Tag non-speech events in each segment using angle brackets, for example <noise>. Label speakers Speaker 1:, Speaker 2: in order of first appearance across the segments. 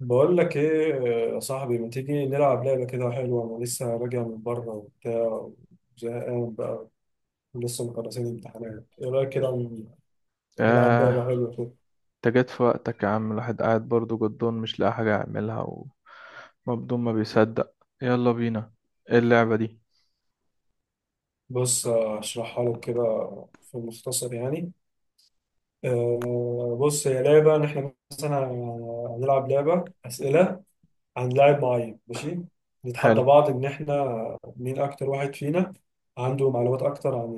Speaker 1: بقول لك ايه؟ يا صاحبي ما تيجي نلعب لعبة كده حلوة، انا لسه راجع من بره وبتاع، زهقان بقى ولسه مخلصين امتحانات. ايه رأيك كده نلعب
Speaker 2: آه
Speaker 1: لعبة حلوة كده؟
Speaker 2: انت جيت في وقتك يا عم، الواحد قاعد برضه جدون مش لاقي حاجة يعملها، ومبدون ما بيصدق. يلا بينا. ايه اللعبة دي؟
Speaker 1: بص اشرحها لك كده في المختصر يعني. بص، هي لعبة ان احنا مثلا هنلعب لعبة أسئلة عن لاعب معين، ماشي؟ نتحدى
Speaker 2: حلو.
Speaker 1: بعض ان احنا مين اكتر واحد فينا عنده معلومات اكتر عن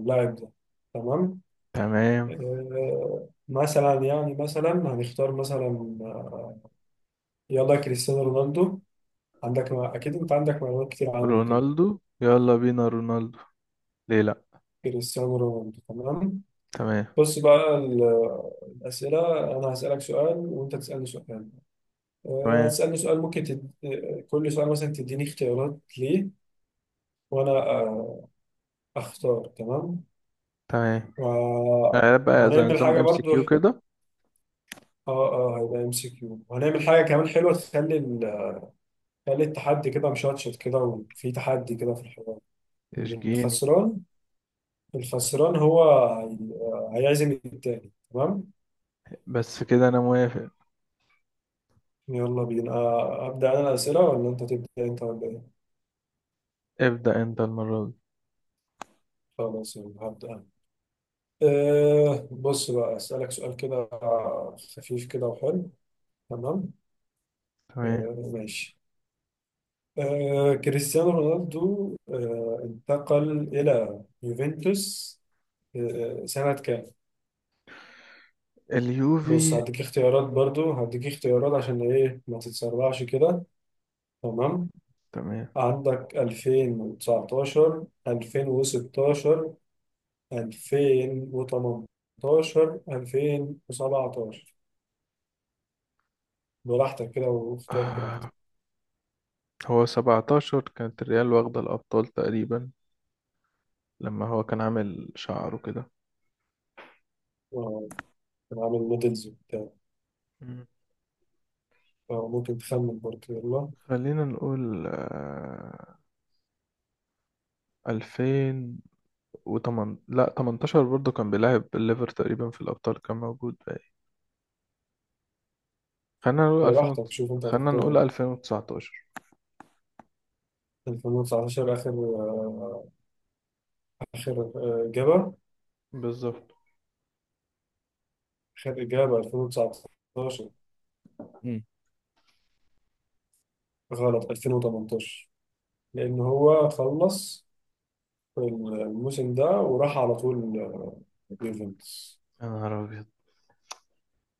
Speaker 1: اللاعب ده، تمام؟
Speaker 2: تمام.
Speaker 1: مثلا يعني مثلا هنختار مثلا آه، يلا كريستيانو رونالدو. عندك ما اكيد انت عندك معلومات كتير عنه كده.
Speaker 2: رونالدو، يلا بينا رونالدو، ليه لأ.
Speaker 1: كريستيانو رونالدو، تمام.
Speaker 2: تمام.
Speaker 1: بص بقى الأسئلة أنا هسألك سؤال وأنت تسألني سؤال.
Speaker 2: تمام.
Speaker 1: هتسألني سؤال ممكن تد... آه، كل سؤال مثلا تديني اختيارات ليه، وأنا أختار، تمام.
Speaker 2: تمام. بقى زي
Speaker 1: وهنعمل
Speaker 2: نظام
Speaker 1: حاجة
Speaker 2: ام سي
Speaker 1: برضو.
Speaker 2: كيو كده.
Speaker 1: اه اه، هيبقى ام سي كيو، وهنعمل حاجة كمان حلوة تخلي، خلي التحدي كده مشطشط كده، وفي تحدي كده في الحوار.
Speaker 2: اشجيني.
Speaker 1: الخسران، الخسران هو هيعزم التاني، تمام.
Speaker 2: بس كده انا موافق.
Speaker 1: يلا بينا. أبدأ أنا الأسئلة ولا أنت تبدأ أنت ولا إيه؟
Speaker 2: ابدأ انت المرة دي.
Speaker 1: خلاص يلا هبدأ أنا. أه بص بقى أسألك سؤال كده خفيف كده وحلو، تمام؟
Speaker 2: تمام.
Speaker 1: أه ماشي. أه، كريستيانو رونالدو أه انتقل إلى يوفنتوس أه سنة كام؟ بص
Speaker 2: اليوفي.
Speaker 1: هديك اختيارات برضو، هديك اختيارات عشان ايه ما تتسرعش كده، تمام؟
Speaker 2: تمام.
Speaker 1: عندك 2019 2016 2018 2017. براحتك كده، واختار براحتك.
Speaker 2: آه هو 17 كانت الريال واخدة الأبطال تقريبا، لما هو كان عامل شعره كده.
Speaker 1: اه، أنا عامل مودلز وبتاع.
Speaker 2: مم.
Speaker 1: ممكن تخمن برضو، يلا.
Speaker 2: خلينا نقول ألفين وتمن لا تمنتاشر، برضه كان بيلعب الليفر تقريبا في الأبطال، كان موجود بقى. خلينا نقول ألفين
Speaker 1: براحتك،
Speaker 2: وت...
Speaker 1: شوف انت
Speaker 2: خلينا
Speaker 1: هتختار
Speaker 2: نقول
Speaker 1: ايه.
Speaker 2: 2019.
Speaker 1: 2019 اخر اخر اجابة؟
Speaker 2: بالظبط.
Speaker 1: اخر اجابة 2019.
Speaker 2: مم.
Speaker 1: غلط، 2018. لأن هو خلص الموسم ده وراح على طول يوفنتوس.
Speaker 2: يا نهار أبيض،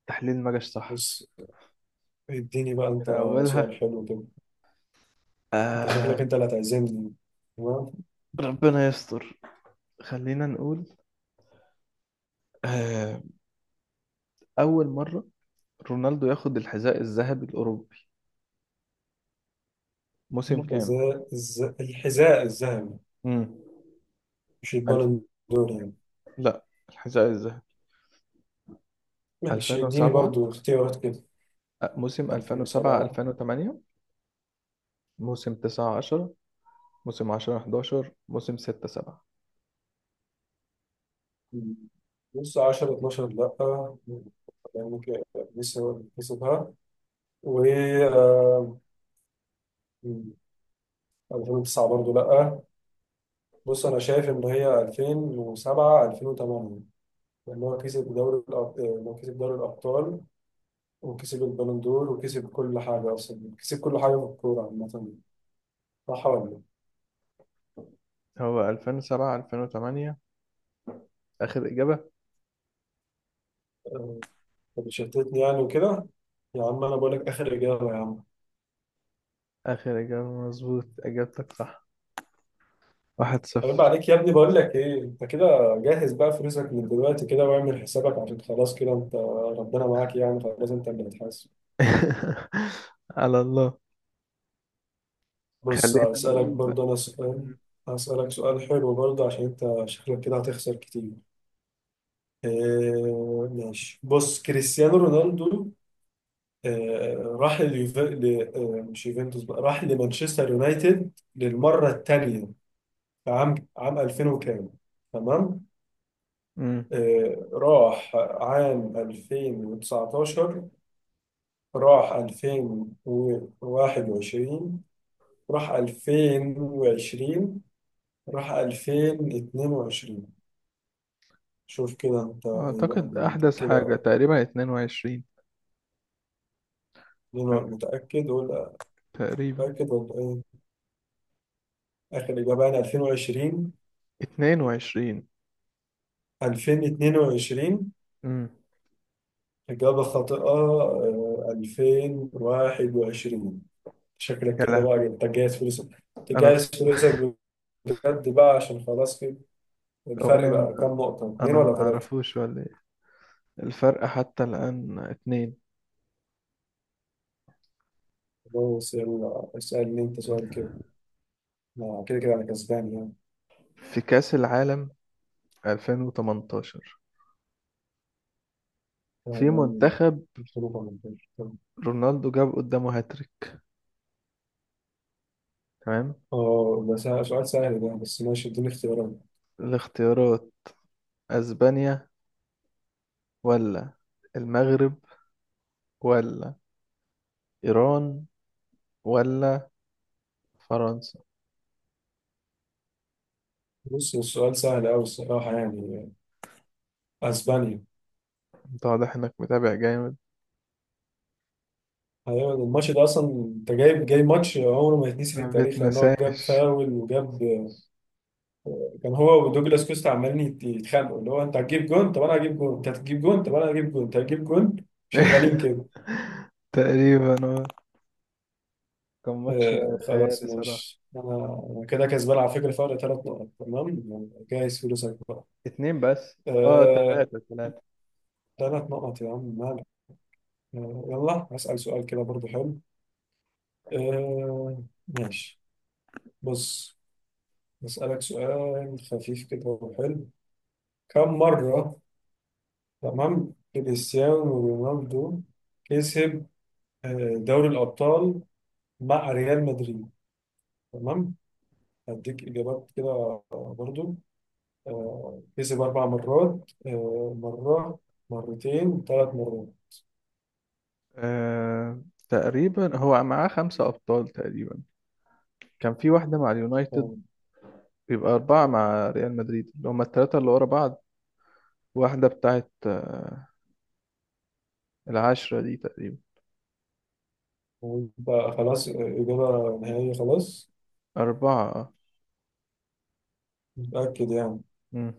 Speaker 2: التحليل ما جاش صح
Speaker 1: بص، اديني بقى أنت
Speaker 2: من أولها.
Speaker 1: سؤال حلو كده، أنت شكلك
Speaker 2: آه...
Speaker 1: أنت اللي هتعزمني، تمام.
Speaker 2: ربنا يستر. خلينا نقول آه... أول مرة رونالدو ياخد الحذاء الذهبي الأوروبي موسم كام؟
Speaker 1: الحذاء الذهبي؟
Speaker 2: مم.
Speaker 1: مش
Speaker 2: ألف
Speaker 1: البالون دور يعني؟
Speaker 2: لا، الحذاء الذهبي.
Speaker 1: ماشي، اديني
Speaker 2: 2007.
Speaker 1: برضو اختيارات كده.
Speaker 2: موسم 2007
Speaker 1: 2007.
Speaker 2: 2008. موسم 9 10. موسم 10 11. موسم 6 7.
Speaker 1: مم. بص 10 12 لأ، يعني كده لسه كسبها، و 2009 برضو لأ. بص انا شايف ان هي 2007 2008، لان هو هو كسب دوري الابطال وكسب البالون دور، وكسب كل حاجه، اصلا كسب كل حاجه في الكوره عامه. صح ولا لا؟
Speaker 2: هو 2007 2008 آخر إجابة.
Speaker 1: آه، طب شتتني يعني وكده، يا عم انا بقول لك اخر اجابه يا عم.
Speaker 2: آخر إجابة مظبوط، إجابتك صح. واحد
Speaker 1: طيب،
Speaker 2: صفر
Speaker 1: عليك يا ابني. بقول لك ايه، انت كده جهز بقى فلوسك من دلوقتي كده، واعمل حسابك، عشان خلاص كده انت ربنا معاك يعني، خلاص انت اللي هتحاسب.
Speaker 2: <laughs> على الله.
Speaker 1: بص
Speaker 2: خلينا
Speaker 1: هسألك
Speaker 2: نقول بقى.
Speaker 1: برضه انا سؤال، هسألك سؤال حلو برضه، عشان انت شكلك كده هتخسر كتير. آه ماشي، بص كريستيانو رونالدو آه مش يوفنتوس بقى، راح لمانشستر يونايتد للمرة الثانية في عام 2000 وكام، تمام؟
Speaker 2: امم
Speaker 1: آه راح عام 2019؟ راح 2021؟ راح 2020؟ راح 2022؟ شوف كده انت ايه بقى
Speaker 2: أعتقد
Speaker 1: دنيتك
Speaker 2: أحدث حاجة
Speaker 1: كده.
Speaker 2: تقريبا 22.
Speaker 1: أنا متأكد ولا؟
Speaker 2: تقريبا
Speaker 1: متأكد ايه؟ آخر إجابة عن 2020.
Speaker 2: 22.
Speaker 1: 2022.
Speaker 2: امم
Speaker 1: إجابة خاطئة، 2021. شكلك
Speaker 2: يا
Speaker 1: كده بقى، يعني
Speaker 2: لهوي.
Speaker 1: أنت جاهز فلوسك،
Speaker 2: أنا
Speaker 1: تجهز
Speaker 2: أخت...
Speaker 1: فلوسك، بجد بقى، عشان خلاص كده.
Speaker 2: أو
Speaker 1: الفرق
Speaker 2: أنا
Speaker 1: بقى كام
Speaker 2: ما...
Speaker 1: نقطة، اتنين
Speaker 2: أنا
Speaker 1: ولا
Speaker 2: ما
Speaker 1: تلاتة؟
Speaker 2: أعرفوش ولا إيه. الفرق حتى الآن اتنين.
Speaker 1: بص يلا اسألني أنت سؤال كده، كده كده أنا كسبان يعني.
Speaker 2: في كأس العالم 2018 في
Speaker 1: آه،
Speaker 2: منتخب
Speaker 1: مش حروف ولا بتاع. طب.
Speaker 2: رونالدو جاب قدامه هاتريك. تمام.
Speaker 1: اه، سؤال سهل ده، بس ماشي اديني اختيارات.
Speaker 2: الاختيارات: اسبانيا، ولا المغرب، ولا ايران، ولا فرنسا.
Speaker 1: بص السؤال سهل أوي الصراحة يعني، أسبانيا.
Speaker 2: انت واضح انك متابع جامد.
Speaker 1: ايوه، الماتش ده اصلا انت جايب ماتش عمره ما يتنسي في
Speaker 2: ما
Speaker 1: التاريخ، لان هو جاب
Speaker 2: بتنساش.
Speaker 1: فاول وجاب، كان هو ودوجلاس كوستا عمالين يتخانقوا، اللي هو انت هتجيب جون، طب انا هجيب جون، انت هتجيب جون، طب انا هجيب جون، انت هتجيب جون، شغالين كده.
Speaker 2: <laughs> تقريبا اه. كان ماتش
Speaker 1: آه خلاص
Speaker 2: خيالي صراحة.
Speaker 1: ماشي، انا كده كسبان على فكره، فرق ثلاث نقط، تمام، جايز فلوسك بقى.
Speaker 2: اتنين بس. اه،
Speaker 1: آه،
Speaker 2: تلاتة تلاتة.
Speaker 1: ثلاث نقط يا عم مالك. آه يلا هسأل سؤال كده برضو حلو. آه ماشي، بص هسألك سؤال خفيف كده وحلو. كم مرة، تمام، كريستيانو رونالدو كسب دوري الأبطال مع ريال مدريد، تمام؟ هديك إجابات كده برضو. كسب أربع مرات، مرة، مرتين، ثلاث مرات؟
Speaker 2: آه تقريبا هو معاه خمسة أبطال تقريبا، كان في واحدة مع اليونايتد،
Speaker 1: تمام.
Speaker 2: بيبقى أربعة مع ريال مدريد اللي هما التلاتة اللي ورا بعض، واحدة بتاعت العشرة دي تقريبا.
Speaker 1: ويبقى خلاص إجابة نهائية، خلاص؟
Speaker 2: أربعة اه.
Speaker 1: متأكد يعني؟
Speaker 2: مم.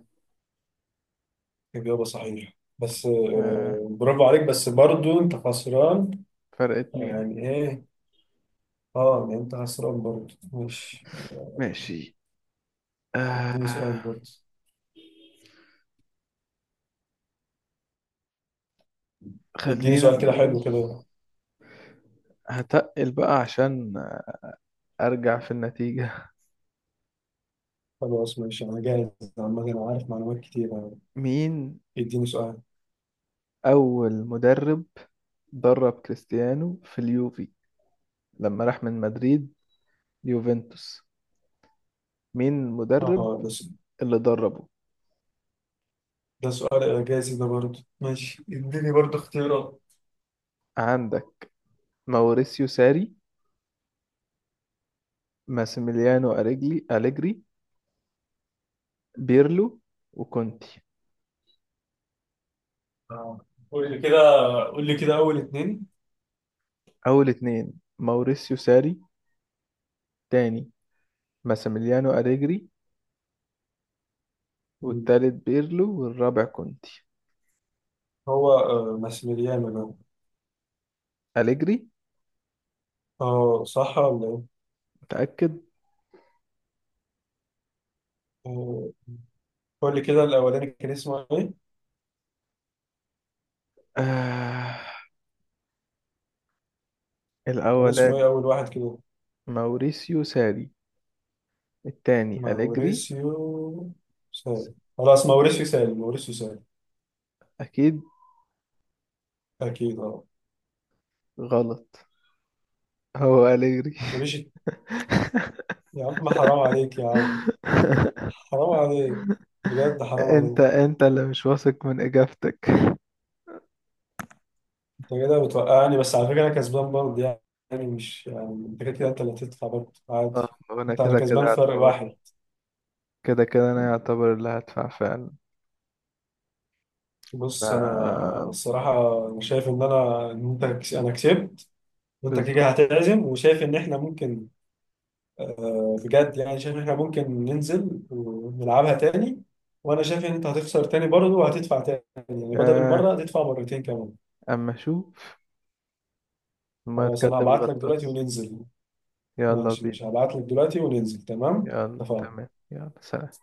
Speaker 1: إجابة صحيحة، بس
Speaker 2: آه،
Speaker 1: برافو عليك. بس برضو أنت خسران.
Speaker 2: فرق اتنين.
Speaker 1: يعني إيه؟ أه يعني أنت خسران برضو، ماشي.
Speaker 2: ماشي.
Speaker 1: اديني سؤال
Speaker 2: آه
Speaker 1: برضه، اديني
Speaker 2: خلينا
Speaker 1: سؤال كده حلو
Speaker 2: نقول.
Speaker 1: كده.
Speaker 2: هتقل بقى عشان أرجع في النتيجة.
Speaker 1: خلاص ماشي انا جاهز، عامة انا عارف معلومات كتير يعني.
Speaker 2: <laughs> مين؟
Speaker 1: اديني سؤال.
Speaker 2: أول مدرب درب كريستيانو في اليوفي لما راح من مدريد ليوفنتوس، مين
Speaker 1: اه
Speaker 2: المدرب
Speaker 1: ده س-
Speaker 2: اللي دربه؟
Speaker 1: ده سؤال اعجازي ده، برضه ماشي اديني برضه اختيارات.
Speaker 2: عندك ماوريسيو ساري، ماسيميليانو أليجري، بيرلو، وكونتي.
Speaker 1: آه. قول لي كده، قول لي كده اول اتنين.
Speaker 2: أول اتنين: ماوريسيو ساري، تاني ماسيميليانو أليجري،
Speaker 1: مم.
Speaker 2: والتالت بيرلو، والرابع كونتي.
Speaker 1: هو ماسميليانو ده،
Speaker 2: أليجري.
Speaker 1: اه صح ولا ايه؟
Speaker 2: متأكد.
Speaker 1: آه، قول لي كده الاولاني كان اسمه ايه؟
Speaker 2: آه.
Speaker 1: كان اسمه
Speaker 2: الأولاني
Speaker 1: ايه اول واحد كده؟
Speaker 2: ماوريسيو ساري، التاني أليجري.
Speaker 1: ماوريسيو سال، خلاص ماوريسيو سال، ماوريسيو سال.
Speaker 2: أكيد.
Speaker 1: اكيد اه.
Speaker 2: غلط، هو أليجري.
Speaker 1: ما
Speaker 2: <laughs>
Speaker 1: تقوليش يا عم، حرام عليك يا عم، حرام عليك، بجد حرام عليك.
Speaker 2: أنت اللي مش واثق من إجابتك.
Speaker 1: انت كده بتوقعني، بس على فكره انا كسبان برضه، يعني مش يعني، انت كده كده انت اللي هتدفع برضه
Speaker 2: اه،
Speaker 1: عادي.
Speaker 2: وأنا
Speaker 1: انت، انا
Speaker 2: كده كده
Speaker 1: كسبان فرق واحد.
Speaker 2: أعتبر، كده كده أنا أعتبر اللي هدفع فعلا. ف
Speaker 1: بص انا، انا الصراحه انا شايف ان انا انا كسبت، وانت كده
Speaker 2: بالظبط.
Speaker 1: هتعزم، وشايف ان احنا ممكن، بجد يعني، شايف ان احنا ممكن ننزل ونلعبها تاني، وانا شايف ان انت هتخسر تاني برضه وهتدفع تاني، يعني بدل المره
Speaker 2: آه.
Speaker 1: هتدفع مرتين كمان.
Speaker 2: أما شو، ما
Speaker 1: خلاص
Speaker 2: تكذب
Speaker 1: انا هبعت لك دلوقتي
Speaker 2: الغطاس.
Speaker 1: وننزل.
Speaker 2: يلا
Speaker 1: ماشي ماشي،
Speaker 2: بينا.
Speaker 1: هبعت لك دلوقتي وننزل، تمام.
Speaker 2: يلا،
Speaker 1: اتفقنا.
Speaker 2: تمام، يلا سلام.